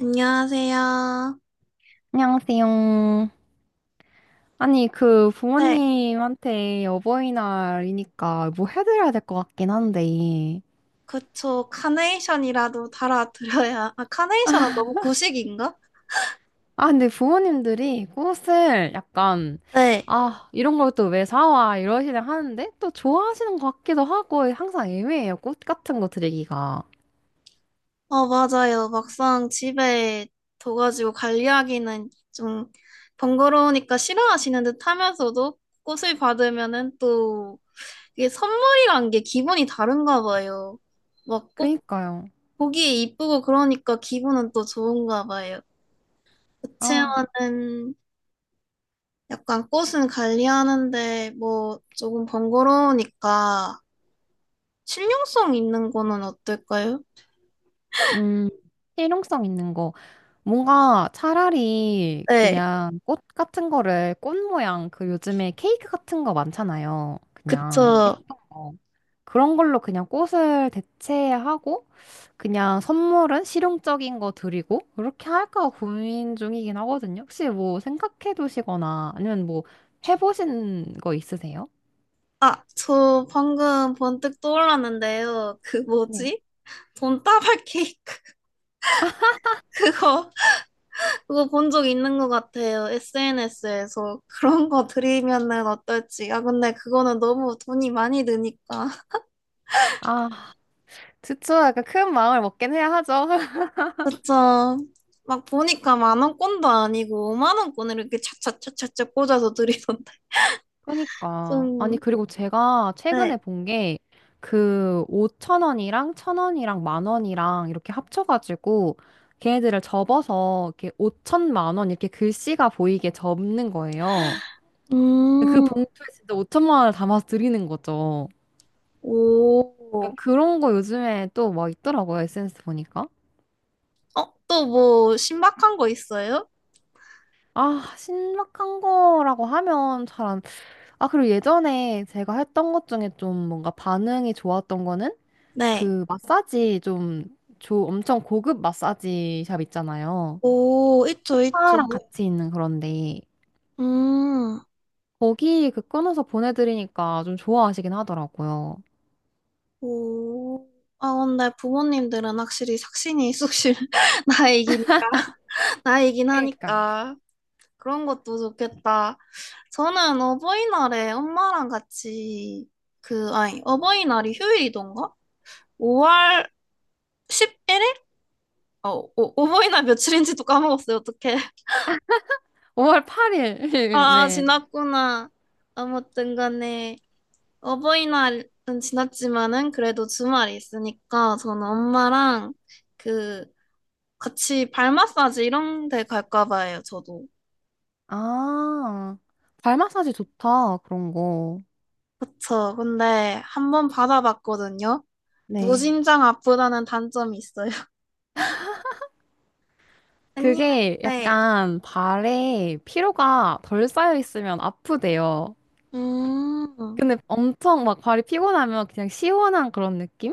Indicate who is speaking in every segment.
Speaker 1: 안녕하세요.
Speaker 2: 안녕하세요. 아니, 그
Speaker 1: 네,
Speaker 2: 부모님한테 어버이날이니까 뭐 해드려야 될 것 같긴 한데.
Speaker 1: 그쵸. 카네이션이라도 달아드려야. 아, 카네이션은 너무 구식인가?
Speaker 2: 아, 근데 부모님들이 꽃을 약간,
Speaker 1: 네.
Speaker 2: 아, 이런 걸 또 왜 사와? 이러시긴 하는데, 또 좋아하시는 것 같기도 하고, 항상 애매해요. 꽃 같은 거 드리기가.
Speaker 1: 어, 맞아요. 막상 집에 둬가지고 관리하기는 좀 번거로우니까 싫어하시는 듯 하면서도 꽃을 받으면은 또 이게 선물이란 게 기분이 다른가 봐요. 막 꽃
Speaker 2: 그니까요.
Speaker 1: 보기에 이쁘고 그러니까 기분은 또 좋은가 봐요.
Speaker 2: 아,
Speaker 1: 그치만은 약간 꽃은 관리하는데 뭐 조금 번거로우니까 실용성 있는 거는 어떨까요?
Speaker 2: 음, 실용성 있는 거. 뭔가 차라리
Speaker 1: 네,
Speaker 2: 그냥 꽃 같은 거를 꽃 모양 그 요즘에 케이크 같은 거 많잖아요. 그냥
Speaker 1: 그쵸.
Speaker 2: 예쁜 거. 그런 걸로 그냥 꽃을 대체하고 그냥 선물은 실용적인 거 드리고 그렇게 할까 고민 중이긴 하거든요. 혹시 뭐 생각해 두시거나 아니면 뭐 해보신 거 있으세요?
Speaker 1: 아, 저 방금 번뜩 떠올랐는데요. 그
Speaker 2: 네.
Speaker 1: 뭐지? 돈다발 케이크 그거 그거 본 적 있는 것 같아요. SNS에서 그런 거 드리면은 어떨지. 아 근데 그거는 너무 돈이 많이 드니까.
Speaker 2: 아, 그쵸. 약간 큰 마음을 먹긴 해야 하죠.
Speaker 1: 그쵸. 막 보니까 만 원권도 아니고 오만 원권을 이렇게 차차차차차 꽂아서 드리던데.
Speaker 2: 그러니까. 아니,
Speaker 1: 좀,
Speaker 2: 그리고 제가
Speaker 1: 네.
Speaker 2: 최근에 본 게, 그, 5천 원이랑, 천 원이랑, 만 원이랑, 이렇게 합쳐가지고, 걔네들을 접어서, 이렇게 5천만 원, 이렇게 글씨가 보이게 접는 거예요. 그
Speaker 1: 음,
Speaker 2: 봉투에 진짜 5천만 원을 담아서 드리는 거죠.
Speaker 1: 오.
Speaker 2: 그러니까 그런 거 요즘에 또 막 있더라고요, SNS 보니까.
Speaker 1: 어, 또 뭐 신박한 거 있어요?
Speaker 2: 아, 신박한 거라고 하면 잘 안, 그리고 예전에 제가 했던 것 중에 좀 뭔가 반응이 좋았던 거는,
Speaker 1: 네.
Speaker 2: 그 마사지 좀 엄청 고급 마사지 샵 있잖아요.
Speaker 1: 오, 있죠, 있죠.
Speaker 2: 스파랑 같이 있는 그런데
Speaker 1: 음,
Speaker 2: 거기 그 끊어서 보내드리니까 좀 좋아하시긴 하더라고요.
Speaker 1: 오. 아, 근데 부모님들은 확실히 삭신이 쑥실 나이기니까, 나이긴
Speaker 2: 그러니까
Speaker 1: 하니까. 그런 것도 좋겠다. 저는 어버이날에 엄마랑 같이, 그, 아니, 어버이날이 휴일이던가? 5월 11일? 어, 오, 오버이날 며칠인지도 까먹었어요. 어떡해.
Speaker 2: 5월 8일.
Speaker 1: 아,
Speaker 2: 네.
Speaker 1: 지났구나. 아무튼 간에 어버이날은 지났지만은 그래도 주말이 있으니까 저는 엄마랑 그 같이 발 마사지 이런 데 갈까 봐요. 저도.
Speaker 2: 아, 발 마사지 좋다. 그런 거.
Speaker 1: 그쵸. 근데 한번 받아봤거든요.
Speaker 2: 네.
Speaker 1: 무진장 아프다는 단점이 있어요. 아니,
Speaker 2: 그게
Speaker 1: 네.
Speaker 2: 약간 발에 피로가 덜 쌓여 있으면 아프대요.
Speaker 1: 음,
Speaker 2: 근데 엄청 막 발이 피곤하면 그냥 시원한 그런 느낌?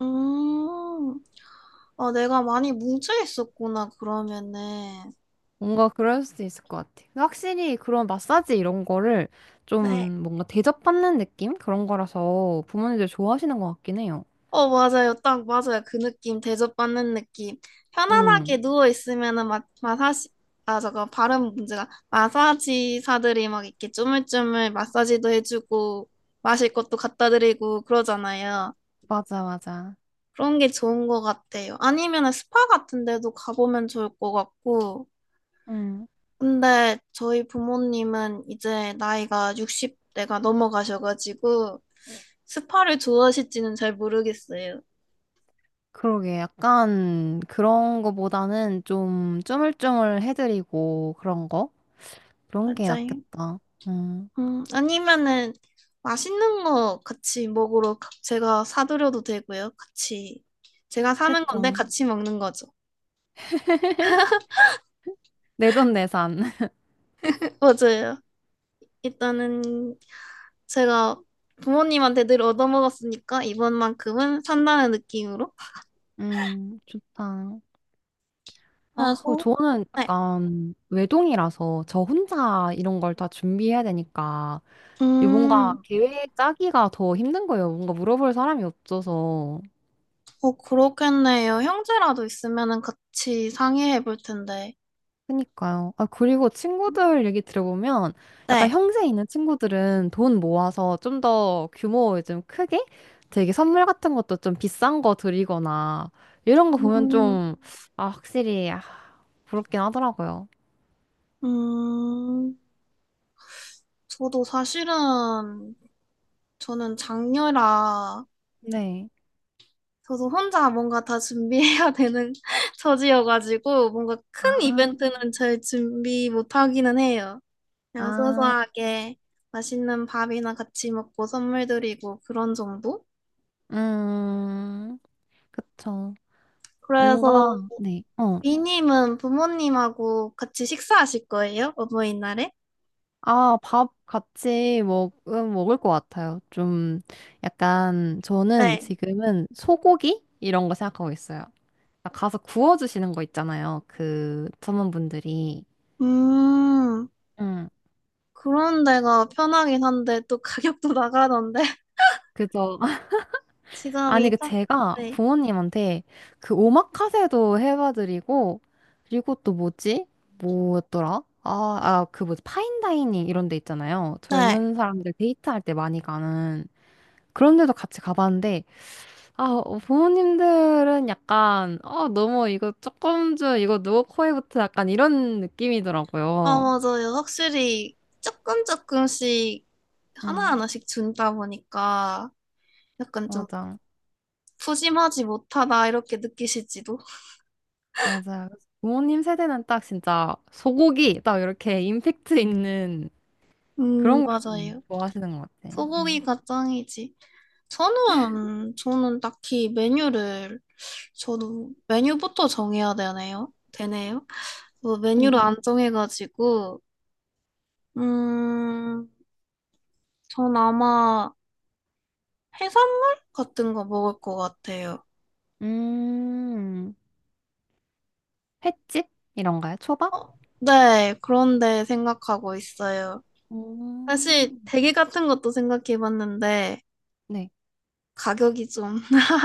Speaker 1: 음. 아, 내가 많이 뭉쳐 있었구나, 그러면은.
Speaker 2: 뭔가 그럴 수도 있을 것 같아. 근데 확실히 그런 마사지 이런 거를
Speaker 1: 네.
Speaker 2: 좀 뭔가 대접받는 느낌? 그런 거라서 부모님들 좋아하시는 것 같긴 해요.
Speaker 1: 어, 맞아요. 딱 맞아요. 그 느낌, 대접받는 느낌. 편안하게
Speaker 2: 응,
Speaker 1: 누워있으면은 막, 마사지, 아, 저거, 발음 문제가. 마사지사들이 막 이렇게 쪼물쪼물 마사지도 해주고, 마실 것도 갖다 드리고 그러잖아요.
Speaker 2: 맞아, 맞아.
Speaker 1: 그런 게 좋은 것 같아요. 아니면은 스파 같은 데도 가보면 좋을 것 같고.
Speaker 2: 응.
Speaker 1: 근데 저희 부모님은 이제 나이가 60대가 넘어가셔가지고, 스파를 좋아하실지는 잘 모르겠어요.
Speaker 2: 그러게, 약간 그런 거보다는 좀 쪼물쪼물 해드리고 그런 거? 그런 게
Speaker 1: 맞아요.
Speaker 2: 낫겠다. 응,
Speaker 1: 아니면은 맛있는 거 같이 먹으러 가- 제가 사드려도 되고요. 같이 제가 사는 건데
Speaker 2: 그쵸.
Speaker 1: 같이 먹는 거죠.
Speaker 2: 내돈내산.
Speaker 1: 맞아요. 일단은 제가 부모님한테 늘 얻어먹었으니까 이번만큼은 산다는 느낌으로
Speaker 2: 좋다. 아, 그
Speaker 1: 그래서
Speaker 2: 저는
Speaker 1: 네.
Speaker 2: 약간 외동이라서 저 혼자 이런 걸 다 준비해야 되니까 이 뭔가
Speaker 1: 음,
Speaker 2: 계획 짜기가 더 힘든 거예요. 뭔가 물어볼 사람이 없어서.
Speaker 1: 어, 그렇겠네요. 형제라도 있으면은 같이 상의해 볼 텐데.
Speaker 2: 그니까요. 아, 그리고 친구들 얘기 들어보면 약간
Speaker 1: 네.
Speaker 2: 형제 있는 친구들은 돈 모아서 좀 더 규모 좀 크게 되게 선물 같은 것도 좀 비싼 거 드리거나 이런 거 보면
Speaker 1: 음,
Speaker 2: 좀, 확실히, 부럽긴 하더라고요.
Speaker 1: 음, 저도 사실은 저는 장녀라
Speaker 2: 네.
Speaker 1: 저도 혼자 뭔가 다 준비해야 되는 처지여가지고 뭔가 큰
Speaker 2: 아,
Speaker 1: 이벤트는 잘 준비 못하기는 해요. 그냥
Speaker 2: 아,
Speaker 1: 소소하게 맛있는 밥이나 같이 먹고 선물 드리고 그런 정도?
Speaker 2: 음, 그쵸. 뭔가,
Speaker 1: 그래서
Speaker 2: 네, 어.
Speaker 1: 비님은 부모님하고 같이 식사하실 거예요? 어버이날에?
Speaker 2: 아, 밥 같이 먹을 것 같아요. 좀 약간 저는
Speaker 1: 네.
Speaker 2: 지금은 소고기? 이런 거 생각하고 있어요. 아, 가서 구워주시는 거 있잖아요. 그 전문분들이.
Speaker 1: 음,
Speaker 2: 응.
Speaker 1: 그런 데가 편하긴 한데 또 가격도 나가던데
Speaker 2: 그래서,
Speaker 1: 지금
Speaker 2: 아니,
Speaker 1: 이
Speaker 2: 그
Speaker 1: 딱,
Speaker 2: 제가
Speaker 1: 네.
Speaker 2: 부모님한테 그 오마카세도 해봐드리고, 그리고 또 뭐지? 뭐였더라? 아, 그 뭐지? 파인다이닝 이런 데 있잖아요.
Speaker 1: 네.
Speaker 2: 젊은 사람들 데이트할 때 많이 가는 그런 데도 같이 가봤는데, 아, 부모님들은 약간, 너무 이거 조금 줘, 이거 누구 코에 붙어, 약간 이런
Speaker 1: 아,
Speaker 2: 느낌이더라고요.
Speaker 1: 맞아요. 확실히 조금 조금씩
Speaker 2: 응,
Speaker 1: 하나하나씩 준다 보니까 약간 좀
Speaker 2: 맞아.
Speaker 1: 푸짐하지 못하다 이렇게 느끼실지도.
Speaker 2: 맞아. 그래서 부모님 세대는 딱 진짜 소고기, 딱 이렇게 임팩트 있는 그런 걸 좀
Speaker 1: 맞아요.
Speaker 2: 좋아하시는 것 같아. 응.
Speaker 1: 소고기가 짱이지. 저는 딱히 메뉴를, 저도 메뉴부터 정해야 되네요. 뭐 메뉴를
Speaker 2: 그니까.
Speaker 1: 안 정해가지고, 음, 전 아마 해산물 같은 거 먹을 것 같아요.
Speaker 2: 음, 횟집? 이런가요? 초밥?
Speaker 1: 어, 네, 그런데 생각하고 있어요. 사실
Speaker 2: 음,
Speaker 1: 대게 같은 것도 생각해봤는데
Speaker 2: 네.
Speaker 1: 가격이 좀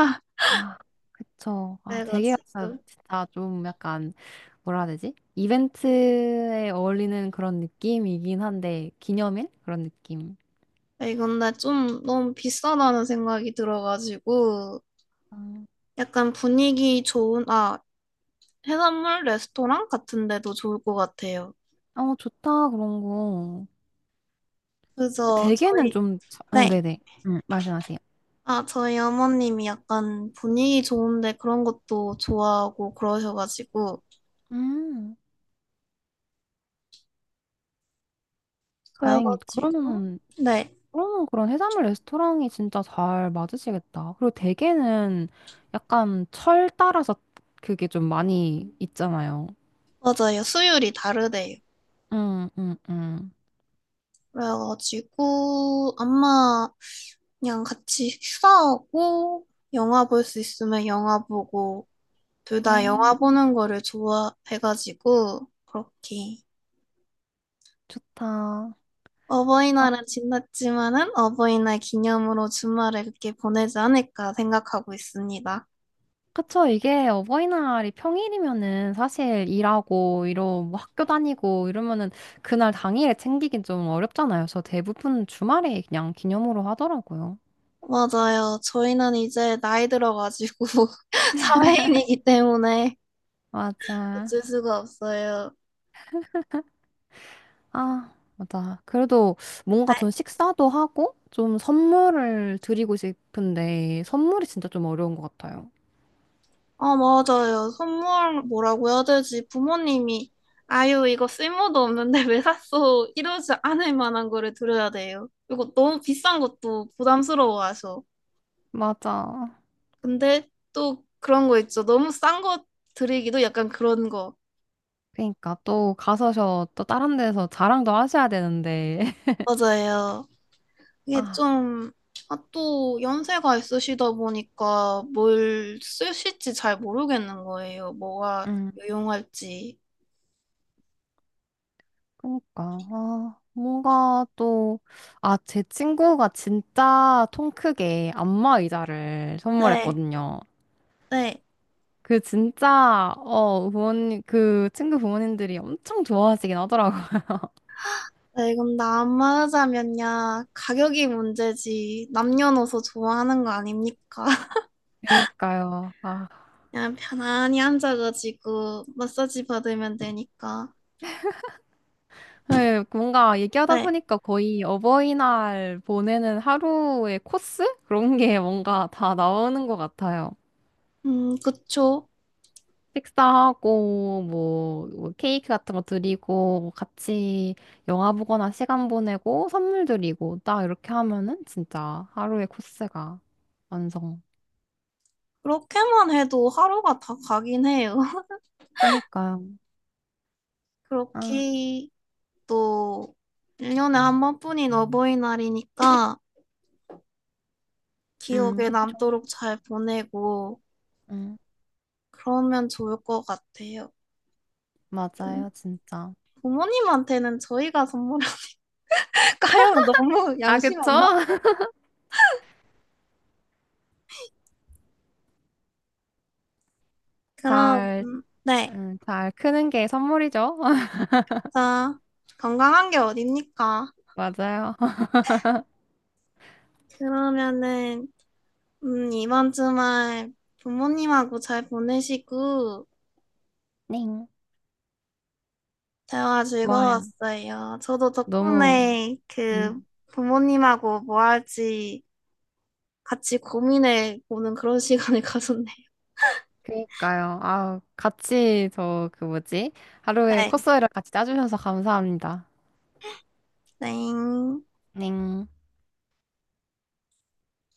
Speaker 2: 아, 그쵸. 아, 되게
Speaker 1: 그래가지고
Speaker 2: 진짜 진짜 좀 약간 뭐라 해야 되지? 이벤트에 어울리는 그런 느낌이긴 한데, 기념일? 그런 느낌.
Speaker 1: 아, 이건데 좀 너무 비싸다는 생각이 들어가지고
Speaker 2: 음.
Speaker 1: 약간 분위기 좋은 아 해산물 레스토랑 같은 데도 좋을 것 같아요.
Speaker 2: 어, 좋다, 그런 거.
Speaker 1: 그래서
Speaker 2: 대게는
Speaker 1: 저희
Speaker 2: 좀,
Speaker 1: 네.
Speaker 2: 네네. 말씀하세요.
Speaker 1: 아, 저희 어머님이 약간 분위기 좋은데 그런 것도 좋아하고 그러셔가지고
Speaker 2: 음, 다행이다.
Speaker 1: 그래가지고
Speaker 2: 그러면은,
Speaker 1: 네,
Speaker 2: 그러면 그런 해산물 레스토랑이 진짜 잘 맞으시겠다. 그리고 대게는 약간 철 따라서 그게 좀 많이 있잖아요.
Speaker 1: 맞아요. 수율이 다르대요.
Speaker 2: 음, 음, 음.
Speaker 1: 그래가지고 아마 그냥 같이 휴가하고 영화 볼 수 있으면 영화 보고 둘 다 영화
Speaker 2: 음,
Speaker 1: 보는 거를 좋아해가지고 그렇게
Speaker 2: 좋다.
Speaker 1: 어버이날은 지났지만은 어버이날 기념으로 주말을 이렇게 보내지 않을까 생각하고 있습니다.
Speaker 2: 그쵸. 이게 어버이날이 평일이면은 사실 일하고, 뭐 학교 다니고 이러면은 그날 당일에 챙기긴 좀 어렵잖아요. 그래서 대부분 주말에 그냥 기념으로 하더라고요.
Speaker 1: 맞아요. 저희는 이제 나이 들어가지고 사회인이기 때문에
Speaker 2: 맞아.
Speaker 1: 어쩔 수가 없어요.
Speaker 2: 아, 맞아. 그래도 뭔가
Speaker 1: 네.
Speaker 2: 전 식사도 하고 좀 선물을 드리고 싶은데 선물이 진짜 좀 어려운 것 같아요.
Speaker 1: 아, 맞아요. 선물 뭐라고 해야 되지? 부모님이, 아유, 이거 쓸모도 없는데 왜 샀어? 이러지 않을 만한 거를 드려야 돼요. 그리고 너무 비싼 것도 부담스러워하셔.
Speaker 2: 맞아.
Speaker 1: 근데 또 그런 거 있죠. 너무 싼 거 드리기도 약간 그런 거.
Speaker 2: 그러니까 또 가서 저 또 다른 데서 자랑도 하셔야 되는데.
Speaker 1: 맞아요. 이게
Speaker 2: 아.
Speaker 1: 좀, 아, 또 연세가 있으시다 보니까 뭘 쓰실지 잘 모르겠는 거예요. 뭐가
Speaker 2: 음.
Speaker 1: 유용할지.
Speaker 2: 그러니까 뭔가 또 제 친구가 진짜 통 크게 안마 의자를
Speaker 1: 네,
Speaker 2: 선물했거든요.
Speaker 1: 네.
Speaker 2: 그 진짜 부모님 그 친구 부모님들이 엄청 좋아하시긴 하더라고요.
Speaker 1: 네, 이건 나만 하자면야 가격이 문제지 남녀노소 좋아하는 거 아닙니까?
Speaker 2: 그러니까요. 아,
Speaker 1: 그냥 편안히 앉아가지고 마사지 받으면 되니까.
Speaker 2: 네, 뭔가 얘기하다
Speaker 1: 네,
Speaker 2: 보니까 거의 어버이날 보내는 하루의 코스 그런 게 뭔가 다 나오는 것 같아요.
Speaker 1: 그쵸.
Speaker 2: 식사하고 뭐, 뭐 케이크 같은 거 드리고 뭐 같이 영화 보거나 시간 보내고 선물 드리고 딱 이렇게 하면은 진짜 하루의 코스가 완성.
Speaker 1: 그렇게만 해도 하루가 다 가긴 해요.
Speaker 2: 그니까요. 아,
Speaker 1: 그렇게 또 1년에 한 번뿐인 어버이날이니까 기억에
Speaker 2: 그쵸.
Speaker 1: 남도록 잘 보내고
Speaker 2: 음,
Speaker 1: 그러면 좋을 것 같아요.
Speaker 2: 맞아요, 진짜.
Speaker 1: 부모님한테는 저희가 선물할까요? 너무
Speaker 2: 아,
Speaker 1: 양심
Speaker 2: 그쵸?
Speaker 1: 없나? 그럼,
Speaker 2: 잘,
Speaker 1: 네.
Speaker 2: 잘 크는 게 선물이죠.
Speaker 1: 자, 건강한 게 어딥니까?
Speaker 2: 맞아요.
Speaker 1: 그러면은, 이번 주말 부모님하고 잘 보내시고,
Speaker 2: 네.
Speaker 1: 대화
Speaker 2: 좋아요.
Speaker 1: 즐거웠어요. 저도
Speaker 2: 너무,
Speaker 1: 덕분에
Speaker 2: 음,
Speaker 1: 그 부모님하고 뭐 할지 같이 고민해 보는 그런 시간을 가졌네요.
Speaker 2: 그니까요. 아, 같이 저 그 뭐지? 하루에
Speaker 1: 네.
Speaker 2: 코스를 같이 짜주셔서 감사합니다.
Speaker 1: 땡.
Speaker 2: 넹.